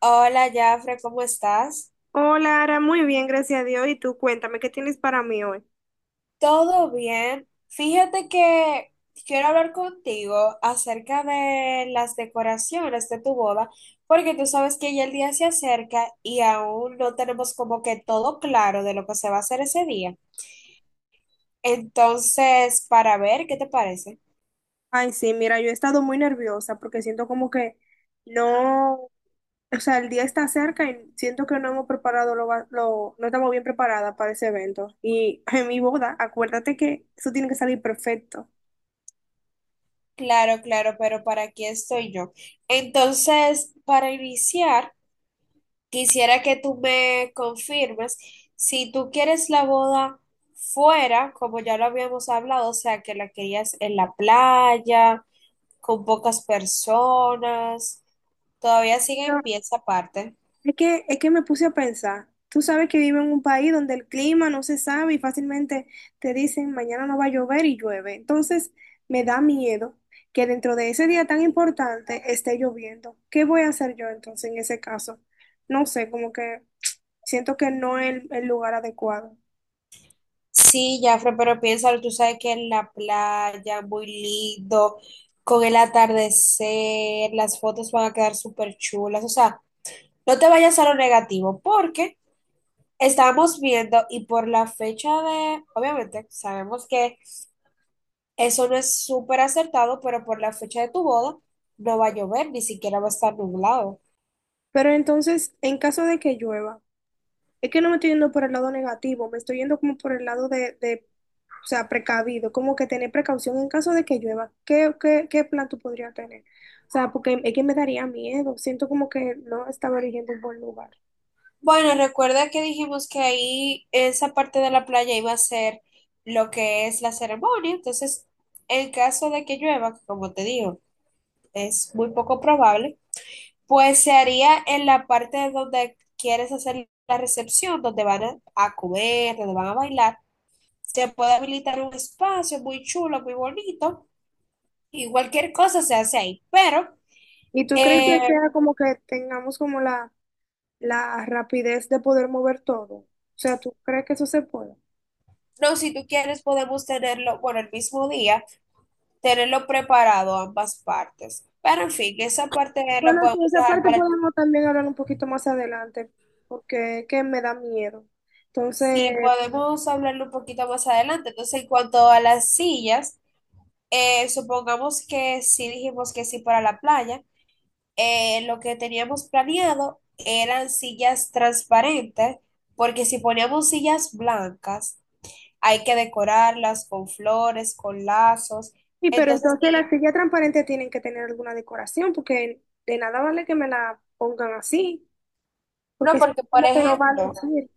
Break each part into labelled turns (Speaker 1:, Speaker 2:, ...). Speaker 1: Hola, Jafre, ¿cómo estás?
Speaker 2: Hola, Ara, muy bien, gracias a Dios. Y tú, cuéntame, ¿qué tienes para mí hoy?
Speaker 1: ¿Todo bien? Fíjate que quiero hablar contigo acerca de las decoraciones de tu boda, porque tú sabes que ya el día se acerca y aún no tenemos como que todo claro de lo que se va a hacer ese día. Entonces, para ver, ¿qué te parece?
Speaker 2: Ay, sí, mira, yo he estado muy nerviosa porque siento como que no, o sea, el día está cerca y siento que no hemos preparado no estamos bien preparadas para ese evento. Y en mi boda, acuérdate que eso tiene que salir perfecto.
Speaker 1: Claro, claro, pero para aquí estoy yo. Entonces, para iniciar... Quisiera que tú me confirmes si tú quieres la boda fuera, como ya lo habíamos hablado, o sea, que la querías en la playa, con pocas personas. Todavía sigue en pie esa parte.
Speaker 2: Es que me puse a pensar. Tú sabes que vivo en un país donde el clima no se sabe y fácilmente te dicen mañana no va a llover y llueve. Entonces me da miedo que dentro de ese día tan importante esté lloviendo. ¿Qué voy a hacer yo entonces en ese caso? No sé, como que siento que no es el lugar adecuado.
Speaker 1: Sí, Jafre, pero piénsalo, tú sabes que en la playa, muy lindo, con el atardecer, las fotos van a quedar súper chulas. O sea, no te vayas a lo negativo, porque estábamos viendo y por la fecha de, obviamente, sabemos que eso no es súper acertado, pero por la fecha de tu boda no va a llover, ni siquiera va a estar nublado.
Speaker 2: Pero entonces, en caso de que llueva. Es que no me estoy yendo por el lado negativo, me estoy yendo como por el lado o sea, precavido, como que tener precaución en caso de que llueva. ¿Qué plan tú podrías tener? O sea, porque es que me daría miedo, siento como que no estaba eligiendo un buen lugar.
Speaker 1: Bueno, recuerda que dijimos que ahí esa parte de la playa iba a ser lo que es la ceremonia, entonces en caso de que llueva, que como te digo, es muy poco probable, pues se haría en la parte donde quieres hacer la recepción, donde van a comer, donde van a bailar. Se puede habilitar un espacio muy chulo, muy bonito, y cualquier cosa se hace ahí. Pero,
Speaker 2: ¿Y tú crees
Speaker 1: eh,
Speaker 2: que sea como que tengamos como la rapidez de poder mover todo? O sea, ¿tú crees que eso se puede?
Speaker 1: no, si tú quieres, podemos tenerlo, bueno, el mismo día, tenerlo preparado ambas partes. Pero, en fin, esa parte la
Speaker 2: Bueno, sí,
Speaker 1: podemos
Speaker 2: esa
Speaker 1: dejar
Speaker 2: parte
Speaker 1: para...
Speaker 2: podemos también hablar un poquito más adelante, porque es que me da miedo. Entonces,
Speaker 1: Sí, podemos hablarlo un poquito más adelante. Entonces, en cuanto a las sillas, supongamos que sí dijimos que sí para la playa. Lo que teníamos planeado eran sillas transparentes, porque si poníamos sillas blancas, hay que decorarlas con flores, con lazos.
Speaker 2: sí, pero
Speaker 1: Entonces,
Speaker 2: entonces las sillas transparentes tienen que tener alguna decoración, porque de nada vale que me la pongan así, porque
Speaker 1: no,
Speaker 2: es
Speaker 1: porque por
Speaker 2: como que no va a
Speaker 1: ejemplo,
Speaker 2: lucir.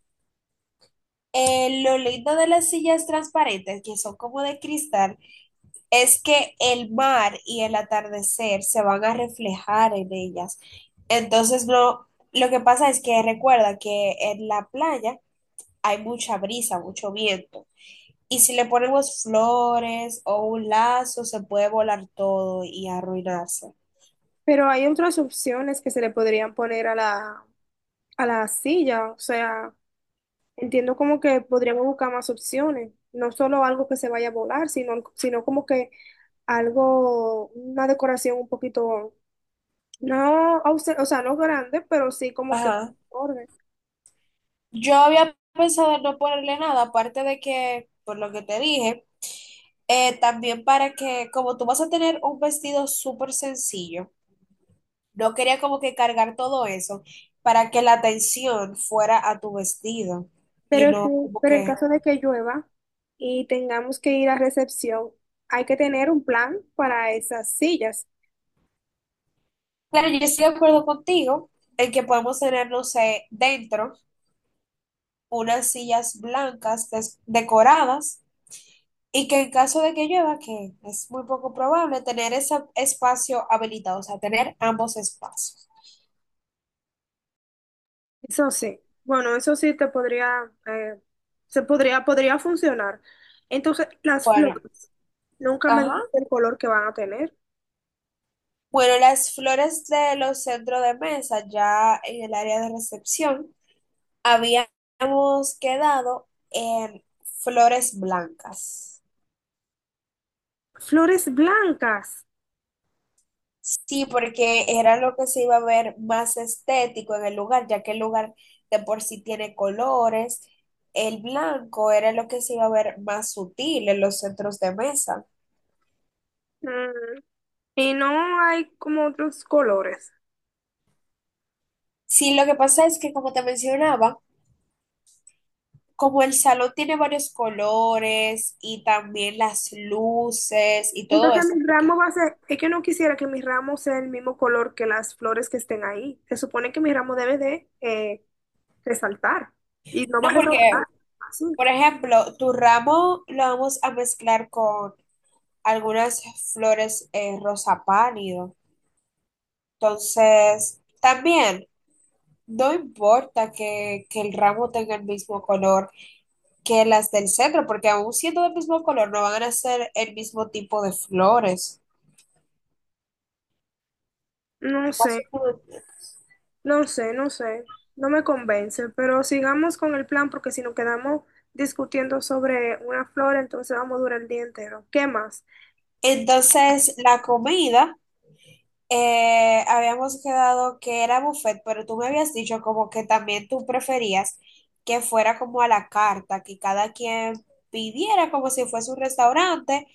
Speaker 1: lo lindo de las sillas transparentes, que son como de cristal, es que el mar y el atardecer se van a reflejar en ellas. Entonces, no, lo que pasa es que recuerda que en la playa hay mucha brisa, mucho viento. Y si le ponemos flores o un lazo, se puede volar todo y arruinarse.
Speaker 2: Pero hay otras opciones que se le podrían poner a a la silla, o sea, entiendo como que podríamos buscar más opciones, no solo algo que se vaya a volar, sino como que algo, una decoración un poquito, no, ausen- o sea, no grande, pero sí como que
Speaker 1: Ajá.
Speaker 2: orden.
Speaker 1: Yo había pensado en no ponerle nada, aparte de que, por lo que te dije, también para que, como tú vas a tener un vestido súper sencillo, no quería como que cargar todo eso para que la atención fuera a tu vestido y
Speaker 2: Pero sí,
Speaker 1: no como
Speaker 2: pero en
Speaker 1: que...
Speaker 2: caso de que llueva y tengamos que ir a recepción, hay que tener un plan para esas sillas.
Speaker 1: Claro, yo estoy de acuerdo contigo en que podemos tener, no sé, dentro unas sillas blancas decoradas. Y que en caso de que llueva, que es muy poco probable, tener ese espacio habilitado, o sea, tener ambos espacios.
Speaker 2: Eso sí, bueno, eso sí te podría, se podría, podría funcionar. Entonces, las
Speaker 1: Bueno,
Speaker 2: flores, nunca me
Speaker 1: ajá.
Speaker 2: dijiste el color que van a tener.
Speaker 1: Bueno, las flores de los centros de mesa, ya en el área de recepción, habíamos quedado en flores blancas.
Speaker 2: Flores blancas.
Speaker 1: Sí, porque era lo que se iba a ver más estético en el lugar, ya que el lugar de por sí tiene colores. El blanco era lo que se iba a ver más sutil en los centros de mesa.
Speaker 2: Mm, y no hay como otros colores.
Speaker 1: Sí, lo que pasa es que, como te mencionaba, como el salón tiene varios colores y también las luces y todo
Speaker 2: Entonces
Speaker 1: eso,
Speaker 2: mi
Speaker 1: ¿por
Speaker 2: ramo
Speaker 1: qué?
Speaker 2: va a ser, es que no quisiera que mi ramo sea el mismo color que las flores que estén ahí. Se supone que mi ramo debe de resaltar y no va
Speaker 1: No,
Speaker 2: a resaltar.
Speaker 1: porque,
Speaker 2: Sí,
Speaker 1: por ejemplo, tu ramo lo vamos a mezclar con algunas flores rosa pálido. Entonces, también no importa que el ramo tenga el mismo color que las del centro, porque aún siendo del mismo color, no van a ser el mismo tipo de flores.
Speaker 2: no sé,
Speaker 1: Más o menos.
Speaker 2: no sé, no me convence, pero sigamos con el plan porque si nos quedamos discutiendo sobre una flor, entonces vamos a durar el día entero. ¿Qué más?
Speaker 1: Entonces, la comida, habíamos quedado que era buffet, pero tú me habías dicho como que también tú preferías que fuera como a la carta, que cada quien pidiera como si fuese un restaurante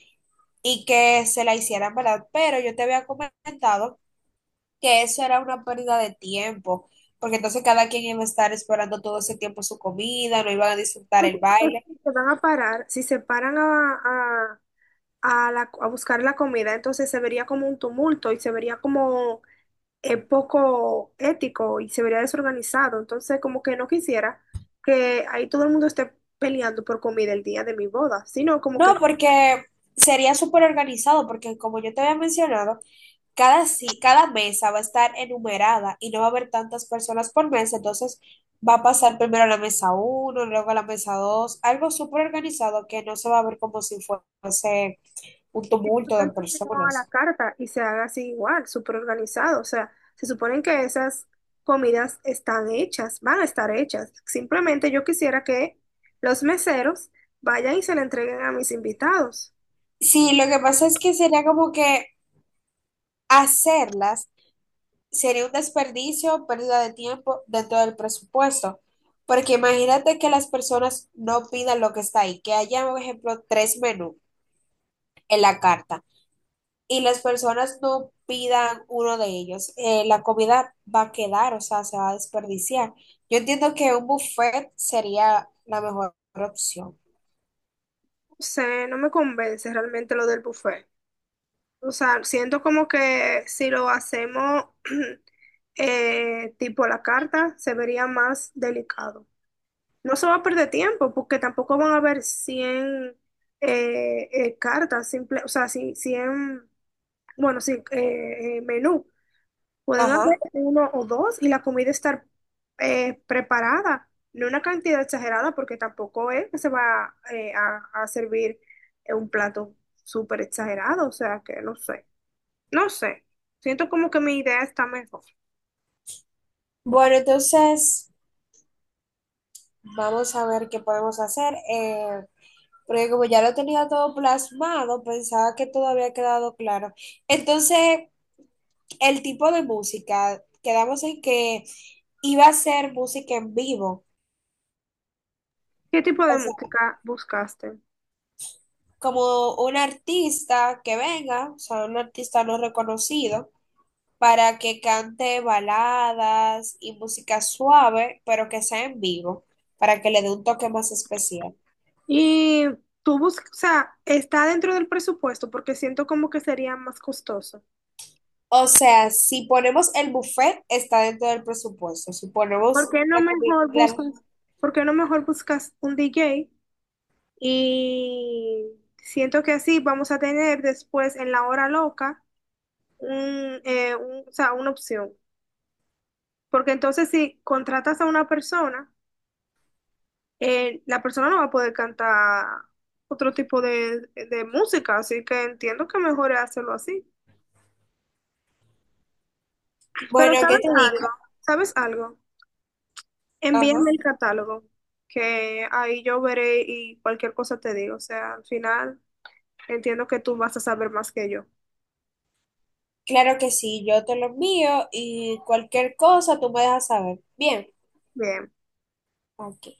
Speaker 1: y que se la hicieran, ¿verdad? Pero yo te había comentado que eso era una pérdida de tiempo, porque entonces cada quien iba a estar esperando todo ese tiempo su comida, no iban a disfrutar
Speaker 2: ¿Qué
Speaker 1: el
Speaker 2: tipo de
Speaker 1: baile.
Speaker 2: gente? Se van a parar, si se paran a la- a buscar la comida, entonces se vería como un tumulto y se vería como es poco ético y se vería desorganizado. Entonces, como que no quisiera que ahí todo el mundo esté peleando por comida el día de mi boda, sino como
Speaker 1: No,
Speaker 2: que
Speaker 1: porque sería súper organizado, porque como yo te había mencionado, cada, cada mesa va a estar enumerada y no va a haber tantas personas por mesa, entonces va a pasar primero a la mesa uno, luego a la mesa dos, algo súper organizado que no se va a ver como si fuese un tumulto de
Speaker 2: tanto se haga a la
Speaker 1: personas.
Speaker 2: carta y se haga así igual, súper organizado. O sea, se suponen que esas comidas están hechas, van a estar hechas. Simplemente yo quisiera que los meseros vayan y se la entreguen a mis invitados.
Speaker 1: Sí, lo que pasa es que sería como que hacerlas sería un desperdicio, pérdida de tiempo dentro del presupuesto, porque imagínate que las personas no pidan lo que está ahí, que haya, por ejemplo, tres menús en la carta y las personas no pidan uno de ellos, la comida va a quedar, o sea, se va a desperdiciar. Yo entiendo que un buffet sería la mejor opción.
Speaker 2: No sé, no me convence realmente lo del buffet. O sea, siento como que si lo hacemos tipo a la carta, se vería más delicado. No se va a perder tiempo porque tampoco van a haber 100 cartas, simple, o sea, si- 100 bueno, sí, menú. Pueden haber
Speaker 1: Ajá.
Speaker 2: uno o dos y la comida estar preparada, no una cantidad exagerada porque tampoco es que se va a servir un plato súper exagerado, o sea, que no sé. No sé, siento como que mi idea está mejor.
Speaker 1: Bueno, entonces vamos a ver qué podemos hacer, porque como ya lo tenía todo plasmado, pensaba que todo había quedado claro. Entonces, el tipo de música, quedamos en que iba a ser música en vivo.
Speaker 2: ¿Qué tipo de
Speaker 1: O sea,
Speaker 2: música buscaste?
Speaker 1: como un artista que venga, o sea, un artista no reconocido, para que cante baladas y música suave, pero que sea en vivo, para que le dé un toque más especial.
Speaker 2: Y tú buscas, o sea, está dentro del presupuesto porque siento como que sería más costoso.
Speaker 1: O sea, si ponemos el buffet, está dentro del presupuesto. Si
Speaker 2: ¿Por
Speaker 1: ponemos
Speaker 2: qué no
Speaker 1: la comida,
Speaker 2: mejor buscas, ¿Por qué no mejor buscas un DJ? Y siento que así vamos a tener después en la hora loca un, o sea, una opción. Porque entonces si contratas a una persona, la persona no va a poder cantar otro tipo de música, así que entiendo que mejor es hacerlo así. Pero
Speaker 1: bueno, ¿qué
Speaker 2: ¿sabes
Speaker 1: te digo?
Speaker 2: algo? ¿Sabes algo?
Speaker 1: Ajá.
Speaker 2: Envíame el catálogo, que ahí yo veré y cualquier cosa te digo. O sea, al final entiendo que tú vas a saber más que yo.
Speaker 1: Claro que sí, yo te lo envío y cualquier cosa tú me dejas saber. Bien,
Speaker 2: Bien.
Speaker 1: ok.